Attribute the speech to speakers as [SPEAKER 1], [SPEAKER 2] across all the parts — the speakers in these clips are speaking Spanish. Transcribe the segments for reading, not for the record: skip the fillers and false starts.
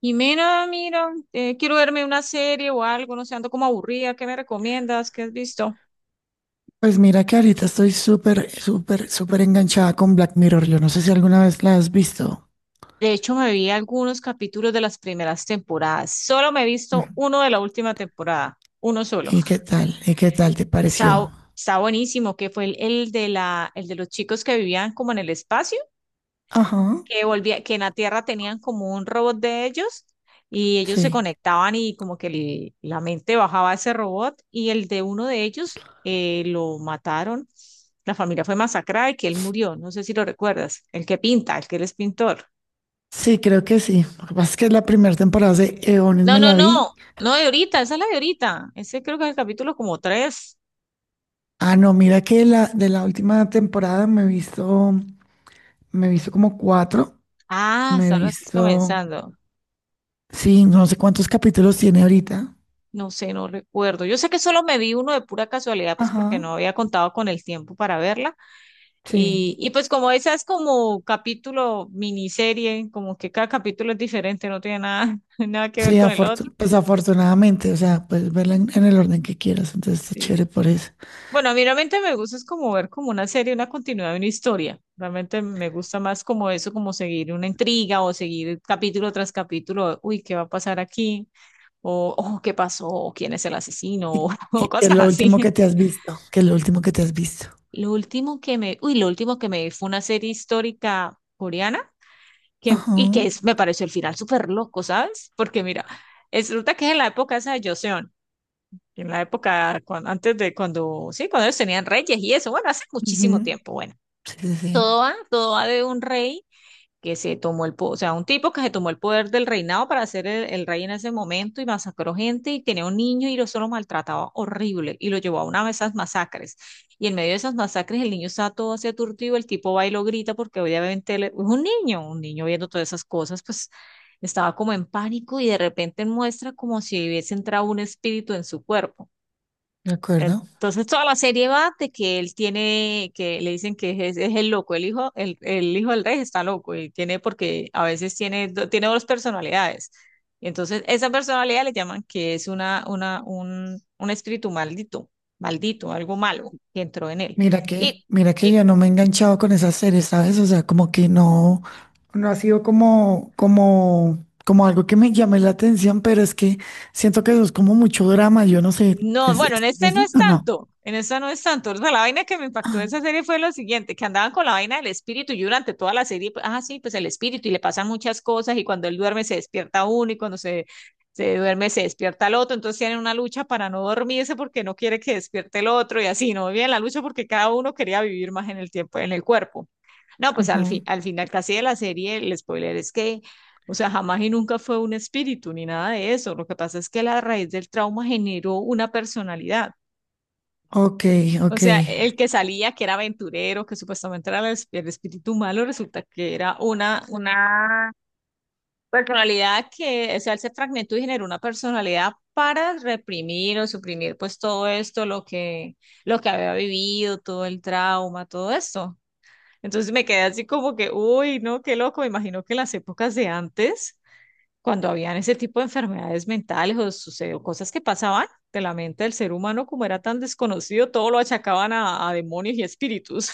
[SPEAKER 1] Jimena, mira, quiero verme una serie o algo, no sé, ando como aburrida, ¿qué me recomiendas? ¿Qué has visto?
[SPEAKER 2] Pues mira que ahorita estoy súper, súper, súper enganchada con Black Mirror. Yo no sé si alguna vez la has visto.
[SPEAKER 1] De hecho, me vi algunos capítulos de las primeras temporadas. Solo me he visto
[SPEAKER 2] Ujú.
[SPEAKER 1] uno de la última temporada, uno solo.
[SPEAKER 2] ¿Y qué tal? ¿Y qué tal te
[SPEAKER 1] Está, bu-
[SPEAKER 2] pareció?
[SPEAKER 1] Está buenísimo, que fue el de los chicos que vivían como en el espacio.
[SPEAKER 2] Ajá.
[SPEAKER 1] Que volvía, que en la Tierra tenían como un robot de ellos, y ellos se
[SPEAKER 2] Sí.
[SPEAKER 1] conectaban y como que la mente bajaba a ese robot y el de uno de ellos, lo mataron. La familia fue masacrada y que él murió. No sé si lo recuerdas. El que pinta, el que él es pintor.
[SPEAKER 2] Sí, creo que sí. Lo que pasa es que la primera temporada de Eones
[SPEAKER 1] No,
[SPEAKER 2] me
[SPEAKER 1] no,
[SPEAKER 2] la
[SPEAKER 1] no.
[SPEAKER 2] vi.
[SPEAKER 1] No, de ahorita, esa es la de ahorita. Ese creo que es el capítulo como tres.
[SPEAKER 2] Ah, no, mira que de la última temporada me he visto como cuatro.
[SPEAKER 1] Ah,
[SPEAKER 2] Me he
[SPEAKER 1] solo estás
[SPEAKER 2] visto,
[SPEAKER 1] comenzando.
[SPEAKER 2] sí, no sé cuántos capítulos tiene ahorita.
[SPEAKER 1] No sé, no recuerdo. Yo sé que solo me vi uno de pura casualidad, pues porque
[SPEAKER 2] Ajá.
[SPEAKER 1] no había contado con el tiempo para verla.
[SPEAKER 2] Sí.
[SPEAKER 1] Y pues como esa es como capítulo, miniserie, como que cada capítulo es diferente, no tiene nada, nada que ver
[SPEAKER 2] Sí,
[SPEAKER 1] con el otro.
[SPEAKER 2] pues afortunadamente, o sea, puedes verla en el orden que quieras, entonces está
[SPEAKER 1] Sí.
[SPEAKER 2] chévere por eso.
[SPEAKER 1] Bueno, a mí realmente me gusta es como ver como una serie, una continuidad de una historia. Realmente me gusta más como eso, como seguir una intriga o seguir capítulo tras capítulo, uy, ¿qué va a pasar aquí? O ¿qué pasó? O, ¿quién es el asesino?
[SPEAKER 2] Y
[SPEAKER 1] O,
[SPEAKER 2] qué es
[SPEAKER 1] cosas
[SPEAKER 2] lo último
[SPEAKER 1] así.
[SPEAKER 2] que te has visto, que es lo último que te has visto.
[SPEAKER 1] Lo último que me vi fue una serie histórica coreana que,
[SPEAKER 2] Ajá,
[SPEAKER 1] me pareció el final súper loco, ¿sabes? Porque mira, resulta que es en la época esa de Joseon, en la época antes de cuando, sí, cuando ellos tenían reyes y eso, bueno, hace muchísimo
[SPEAKER 2] ujú,
[SPEAKER 1] tiempo. Bueno,
[SPEAKER 2] sí, sí, sí,
[SPEAKER 1] todo va de un rey que se tomó el poder, o sea, un tipo que se tomó el poder del reinado para ser el rey en ese momento, y masacró gente y tenía un niño y lo solo maltrataba horrible y lo llevó a una de esas masacres. Y en medio de esas masacres el niño está todo así aturdido, el tipo va y lo grita porque obviamente él es un niño viendo todas esas cosas, pues estaba como en pánico y de repente muestra como si hubiese entrado un espíritu en su cuerpo.
[SPEAKER 2] de acuerdo.
[SPEAKER 1] Entonces toda la serie va de que él tiene, que le dicen que es el loco, el hijo del rey está loco, y tiene, porque a veces tiene, tiene dos personalidades. Entonces esa personalidad le llaman que es un espíritu maldito, maldito, algo malo que entró en él. Y,
[SPEAKER 2] Mira que yo
[SPEAKER 1] y
[SPEAKER 2] no me he enganchado con esas series, ¿sabes? O sea, como que no, no ha sido como, como algo que me llame la atención, pero es que siento que eso es como mucho drama, yo no sé,
[SPEAKER 1] No,
[SPEAKER 2] ¿
[SPEAKER 1] bueno,
[SPEAKER 2] es
[SPEAKER 1] en este no
[SPEAKER 2] así
[SPEAKER 1] es
[SPEAKER 2] o no?
[SPEAKER 1] tanto, en esta no es tanto. O sea, la vaina que me impactó de
[SPEAKER 2] Ah,
[SPEAKER 1] esa serie fue lo siguiente, que andaban con la vaina del espíritu y durante toda la serie, pues, ah, sí, pues el espíritu, y le pasan muchas cosas, y cuando él duerme se despierta uno, y se duerme se despierta el otro. Entonces tienen una lucha para no dormirse porque no quiere que despierte el otro, y así, no bien la lucha porque cada uno quería vivir más en el tiempo, en el cuerpo. No, pues al fin,
[SPEAKER 2] ajá,
[SPEAKER 1] al final casi de la serie, el spoiler es que, o sea, jamás y nunca fue un espíritu ni nada de eso. Lo que pasa es que la raíz del trauma generó una personalidad.
[SPEAKER 2] ok,
[SPEAKER 1] O
[SPEAKER 2] ok.
[SPEAKER 1] sea, el que salía, que era aventurero, que supuestamente era el espíritu malo, resulta que era una personalidad que, o sea, él se fragmentó y generó una personalidad para reprimir o suprimir pues todo esto, lo que había vivido, todo el trauma, todo esto. Entonces me quedé así como que, uy, no, qué loco. Me imagino que en las épocas de antes, cuando habían ese tipo de enfermedades mentales o sucedió cosas que pasaban de la mente del ser humano, como era tan desconocido, todo lo achacaban a demonios y espíritus.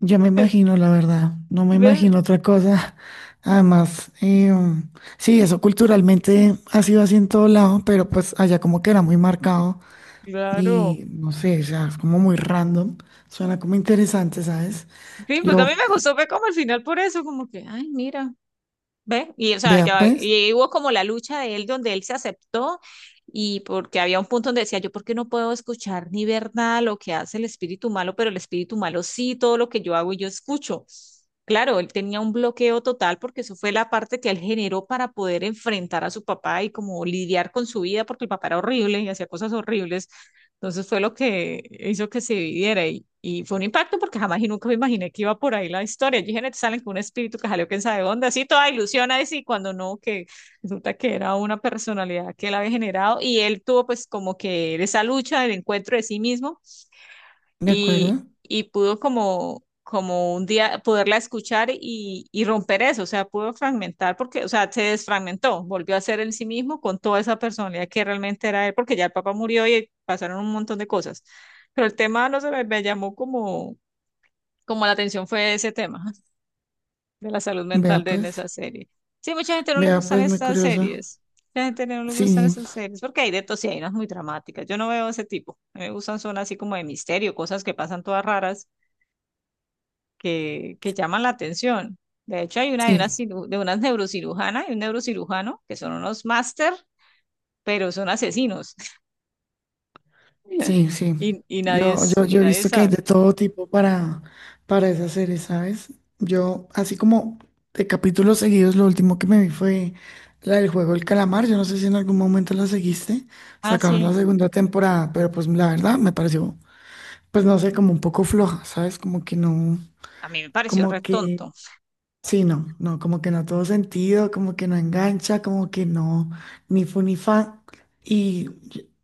[SPEAKER 2] Yo me imagino, la verdad, no me
[SPEAKER 1] ¿Ves?
[SPEAKER 2] imagino otra cosa. Además, sí, eso culturalmente ha sido así en todo lado, pero pues allá como que era muy marcado
[SPEAKER 1] Claro.
[SPEAKER 2] y no sé, o sea, es como muy random. Suena como interesante, ¿sabes?
[SPEAKER 1] Sí, pues a mí
[SPEAKER 2] Yo,
[SPEAKER 1] me gustó, fue como al final por eso, como que, ay, mira, ¿ves?
[SPEAKER 2] vea pues,
[SPEAKER 1] Y hubo como la lucha de él donde él se aceptó, y porque había un punto donde decía, yo por qué no puedo escuchar ni ver nada lo que hace el espíritu malo, pero el espíritu malo sí, todo lo que yo hago y yo escucho. Claro, él tenía un bloqueo total porque eso fue la parte que él generó para poder enfrentar a su papá y como lidiar con su vida, porque el papá era horrible y hacía cosas horribles. Entonces fue lo que hizo que se dividiera, y fue un impacto porque jamás y nunca me imaginé que iba por ahí la historia. Yo dije: "Neta, salen con un espíritu que salió quién sabe dónde, así toda ilusión ahí sí, cuando no, que resulta que era una personalidad que él había generado, y él tuvo pues como que esa lucha del encuentro de sí mismo,
[SPEAKER 2] ¿de
[SPEAKER 1] y,
[SPEAKER 2] acuerdo?
[SPEAKER 1] y pudo como, como un día poderla escuchar, y romper eso. O sea, pudo fragmentar porque, o sea, se desfragmentó, volvió a ser él sí mismo con toda esa personalidad que realmente era él, porque ya el papá murió y pasaron un montón de cosas. Pero el tema, no sé, me llamó como, como la atención fue ese tema de la salud
[SPEAKER 2] Vea
[SPEAKER 1] mental de en
[SPEAKER 2] pues,
[SPEAKER 1] esa serie. Sí, mucha gente no le
[SPEAKER 2] vea
[SPEAKER 1] gustan
[SPEAKER 2] pues, muy
[SPEAKER 1] estas
[SPEAKER 2] curioso.
[SPEAKER 1] series. Mucha gente no le gustan
[SPEAKER 2] Sí,
[SPEAKER 1] esas series porque hay de todo, sí, hay unas muy dramáticas. Yo no veo ese tipo. A mí me gustan son así como de misterio, cosas que pasan todas raras que llaman la atención. De hecho, hay una de
[SPEAKER 2] sí.
[SPEAKER 1] de unas neurocirujana y un neurocirujano que son unos máster, pero son asesinos.
[SPEAKER 2] Sí, sí.
[SPEAKER 1] Y nadie,
[SPEAKER 2] Yo, yo,
[SPEAKER 1] y
[SPEAKER 2] yo he
[SPEAKER 1] nadie
[SPEAKER 2] visto que hay
[SPEAKER 1] sabe.
[SPEAKER 2] de todo tipo para esas series, ¿sabes? Yo, así como de capítulos seguidos, lo último que me vi fue la del juego El Calamar. Yo no sé si en algún momento la seguiste.
[SPEAKER 1] Ah,
[SPEAKER 2] Sacaron la
[SPEAKER 1] sí.
[SPEAKER 2] segunda temporada, pero pues la verdad me pareció, pues no sé, como un poco floja, ¿sabes? Como que no,
[SPEAKER 1] A mí me pareció re
[SPEAKER 2] como que,
[SPEAKER 1] tonto.
[SPEAKER 2] sí, no, no, como que no todo sentido, como que no engancha, como que no, ni fu ni fa. Y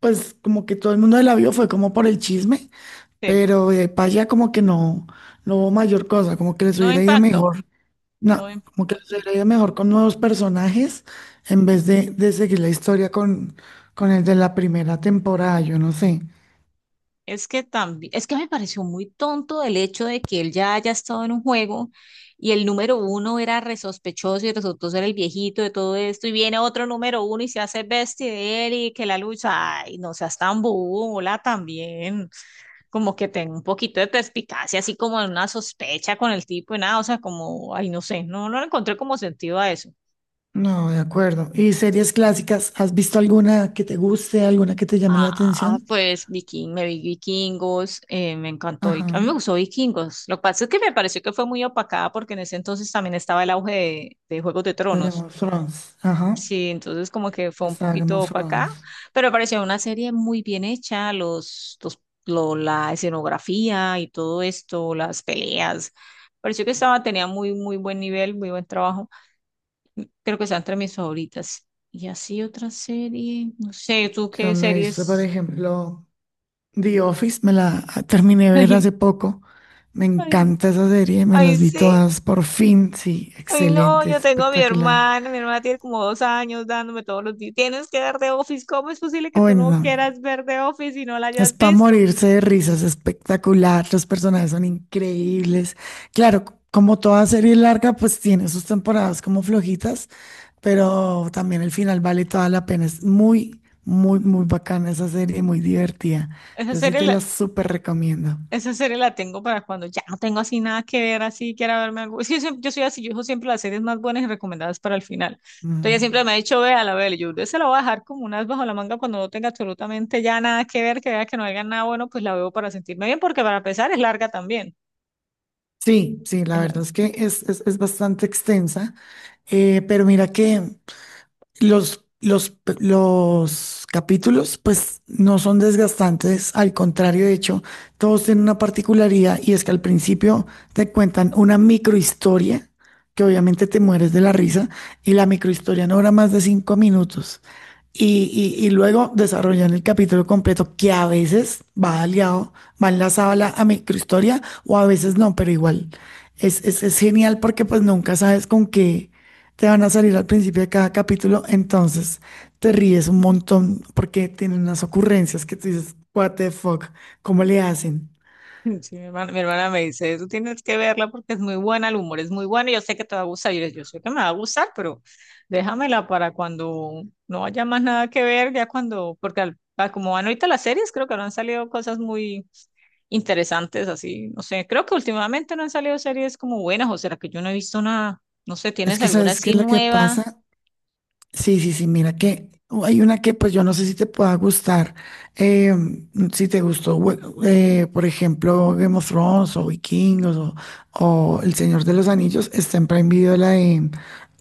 [SPEAKER 2] pues como que todo el mundo la vio fue como por el chisme,
[SPEAKER 1] Sí.
[SPEAKER 2] pero para allá como que no, no hubo mayor cosa, como que les
[SPEAKER 1] No
[SPEAKER 2] hubiera ido
[SPEAKER 1] impacto.
[SPEAKER 2] mejor,
[SPEAKER 1] No.
[SPEAKER 2] no, como que les hubiera ido mejor con nuevos personajes en vez de seguir la historia con el de la primera temporada, yo no sé.
[SPEAKER 1] Es que también, es que me pareció muy tonto el hecho de que él ya haya estado en un juego, y el número uno era resospechoso y resultó ser el viejito de todo esto, y viene otro número uno y se hace bestia de él, y que la lucha, ay, no seas tan bola también, como que tenga un poquito de perspicacia, así como en una sospecha con el tipo, y nada, o sea, como, ay, no sé, no, no le encontré como sentido a eso.
[SPEAKER 2] No, de acuerdo. ¿Y series clásicas? ¿Has visto alguna que te guste, alguna que te llame la
[SPEAKER 1] Ah,
[SPEAKER 2] atención?
[SPEAKER 1] pues Viking, me vi Vikingos, me encantó.
[SPEAKER 2] Ajá,
[SPEAKER 1] A mí me gustó Vikingos. Lo que pasa es que me pareció que fue muy opacada porque en ese entonces también estaba el auge de Juegos de
[SPEAKER 2] de Game
[SPEAKER 1] Tronos.
[SPEAKER 2] of Thrones. Ajá,
[SPEAKER 1] Sí, entonces como que fue un
[SPEAKER 2] está Game
[SPEAKER 1] poquito
[SPEAKER 2] of
[SPEAKER 1] opacada,
[SPEAKER 2] Thrones.
[SPEAKER 1] pero me pareció una serie muy bien hecha, la escenografía y todo esto, las peleas. Pareció que estaba, tenía muy buen nivel, muy buen trabajo. Creo que está entre mis favoritas. Y así otra serie, no sé, ¿tú
[SPEAKER 2] Yo
[SPEAKER 1] qué
[SPEAKER 2] me he visto, por
[SPEAKER 1] series?
[SPEAKER 2] ejemplo, The Office, me la terminé de ver hace poco. Me
[SPEAKER 1] Ay,
[SPEAKER 2] encanta esa serie, me
[SPEAKER 1] ay,
[SPEAKER 2] las vi
[SPEAKER 1] sí.
[SPEAKER 2] todas por fin. Sí,
[SPEAKER 1] Ay, no,
[SPEAKER 2] excelente,
[SPEAKER 1] yo tengo a mi
[SPEAKER 2] espectacular.
[SPEAKER 1] hermana. Mi hermana tiene como 2 años dándome todos los días. Tienes que ver The Office. ¿Cómo es posible que tú no
[SPEAKER 2] Bueno,
[SPEAKER 1] quieras ver The Office y no la
[SPEAKER 2] es
[SPEAKER 1] hayas
[SPEAKER 2] para
[SPEAKER 1] visto?
[SPEAKER 2] morirse de risas, espectacular. Los personajes son increíbles. Claro, como toda serie larga, pues tiene sus temporadas como flojitas, pero también el final vale toda la pena. Es muy, muy, muy bacana esa serie, muy divertida.
[SPEAKER 1] Esa
[SPEAKER 2] Yo sí
[SPEAKER 1] serie
[SPEAKER 2] te
[SPEAKER 1] la,
[SPEAKER 2] la súper recomiendo.
[SPEAKER 1] esa serie la tengo para cuando ya no tengo así nada que ver, así quiera verme algo. Es que yo, yo soy así, yo dejo siempre las series más buenas y recomendadas para el final. Entonces ella siempre
[SPEAKER 2] Mm.
[SPEAKER 1] me ha dicho, vea la véala. Yo se la voy a dejar como unas bajo la manga cuando no tenga absolutamente ya nada que ver, que vea que no haya nada bueno, pues la veo para sentirme bien, porque para empezar es larga también.
[SPEAKER 2] Sí, sí, la verdad es que es bastante extensa, pero mira que, los, los, los capítulos, pues, no son desgastantes, al contrario, de hecho, todos tienen una particularidad y es que al principio te cuentan una microhistoria, que obviamente te mueres de la risa, y la microhistoria no dura más de 5 minutos. Y luego desarrollan el capítulo completo, que a veces va aliado, va enlazado a la a microhistoria, o a veces no, pero igual es genial porque pues nunca sabes con qué te van a salir al principio de cada capítulo, entonces te ríes un montón porque tienen unas ocurrencias que tú dices, what the fuck, ¿cómo le hacen?
[SPEAKER 1] Sí, mi hermana me dice, tú tienes que verla porque es muy buena, el humor es muy bueno, y yo sé que te va a gustar. Yo sé que me va a gustar, pero déjamela para cuando no haya más nada que ver, ya cuando, porque a como van ahorita las series, creo que no han salido cosas muy interesantes, así, no sé, creo que últimamente no han salido series como buenas, o será que yo no he visto nada, no sé,
[SPEAKER 2] Es
[SPEAKER 1] ¿tienes
[SPEAKER 2] que
[SPEAKER 1] alguna
[SPEAKER 2] sabes qué
[SPEAKER 1] así
[SPEAKER 2] es lo que
[SPEAKER 1] nueva?
[SPEAKER 2] pasa. Sí, sí, sí, mira que hay una que pues yo no sé si te pueda gustar, eh, si te gustó, por ejemplo, Game of Thrones o Vikingos o El Señor de los Anillos, está en Prime Video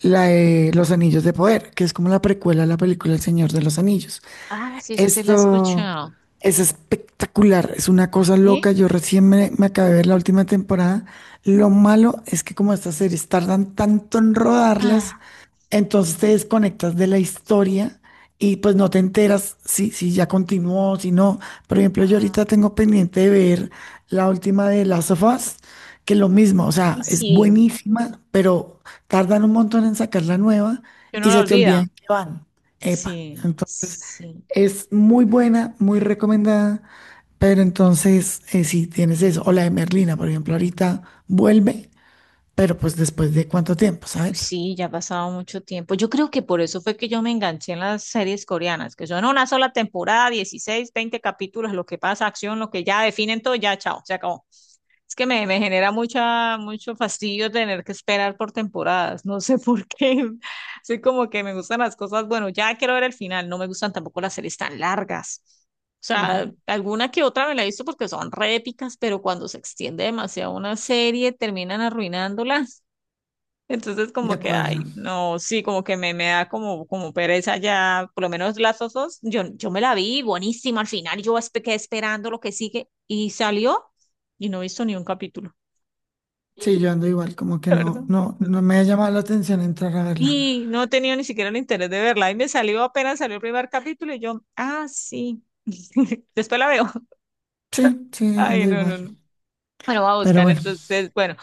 [SPEAKER 2] la de Los Anillos de Poder, que es como la precuela a la película El Señor de los Anillos.
[SPEAKER 1] Ah, sí, esa sí la he
[SPEAKER 2] Esto
[SPEAKER 1] escuchado.
[SPEAKER 2] es espectacular, es una cosa
[SPEAKER 1] ¿Sí?
[SPEAKER 2] loca. Yo recién me acabé de ver la última temporada. Lo malo es que como estas series tardan tanto en
[SPEAKER 1] Ah,
[SPEAKER 2] rodarlas, entonces te desconectas de la historia y pues no te enteras si, si ya continuó, si no. Por ejemplo, yo
[SPEAKER 1] ah,
[SPEAKER 2] ahorita tengo pendiente de ver la última de Last of Us, que lo mismo, o
[SPEAKER 1] y
[SPEAKER 2] sea, es
[SPEAKER 1] sí,
[SPEAKER 2] buenísima, pero tardan un montón en sacar la nueva
[SPEAKER 1] que uno
[SPEAKER 2] y
[SPEAKER 1] la
[SPEAKER 2] se te olvidan
[SPEAKER 1] olvida.
[SPEAKER 2] que van. Epa.
[SPEAKER 1] Sí,
[SPEAKER 2] Entonces,
[SPEAKER 1] sí.
[SPEAKER 2] es muy buena, muy recomendada, pero entonces sí tienes eso. O la de Merlina, por ejemplo, ahorita vuelve, pero pues después de cuánto tiempo,
[SPEAKER 1] Uy,
[SPEAKER 2] ¿sabes?
[SPEAKER 1] sí, ya ha pasado mucho tiempo. Yo creo que por eso fue que yo me enganché en las series coreanas, que son una sola temporada, 16, 20 capítulos, lo que pasa, acción, lo que ya definen todo, ya, chao, se acabó. Es que me genera mucho fastidio tener que esperar por temporadas. No sé por qué. Soy como que me gustan las cosas. Bueno, ya quiero ver el final. No me gustan tampoco las series tan largas. O sea,
[SPEAKER 2] Claro,
[SPEAKER 1] alguna que otra me la he visto porque son re épicas, pero cuando se extiende demasiado una serie, terminan arruinándola. Entonces,
[SPEAKER 2] de
[SPEAKER 1] como que,
[SPEAKER 2] acuerdo.
[SPEAKER 1] ay, no, sí, como que me da como, como pereza ya, por lo menos las osos. Yo me la vi buenísima al final. Yo quedé esperando lo que sigue y salió, y no he visto ni un capítulo.
[SPEAKER 2] Sí, yo ando igual, como que
[SPEAKER 1] La verdad.
[SPEAKER 2] no, no, no me ha llamado la atención entrar a verla.
[SPEAKER 1] Y no he tenido ni siquiera el interés de verla. Ahí me salió apenas salió el primer capítulo y yo, ah, sí. Después la veo.
[SPEAKER 2] Sí, sí,
[SPEAKER 1] Ay,
[SPEAKER 2] ando
[SPEAKER 1] no, no,
[SPEAKER 2] igual.
[SPEAKER 1] no. Bueno, voy a
[SPEAKER 2] Pero
[SPEAKER 1] buscar
[SPEAKER 2] bueno,
[SPEAKER 1] entonces, bueno,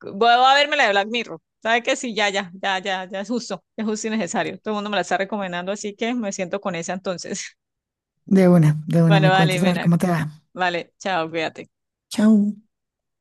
[SPEAKER 1] voy a verme la de Black Mirror. ¿Sabe que sí? Ya, ya, ya, ya, ya es justo y necesario. Todo el mundo me la está recomendando, así que me siento con esa entonces.
[SPEAKER 2] de una
[SPEAKER 1] Bueno,
[SPEAKER 2] me
[SPEAKER 1] vale,
[SPEAKER 2] cuentas a ver
[SPEAKER 1] Mena.
[SPEAKER 2] cómo te va.
[SPEAKER 1] Vale, chao, cuídate.
[SPEAKER 2] Chao.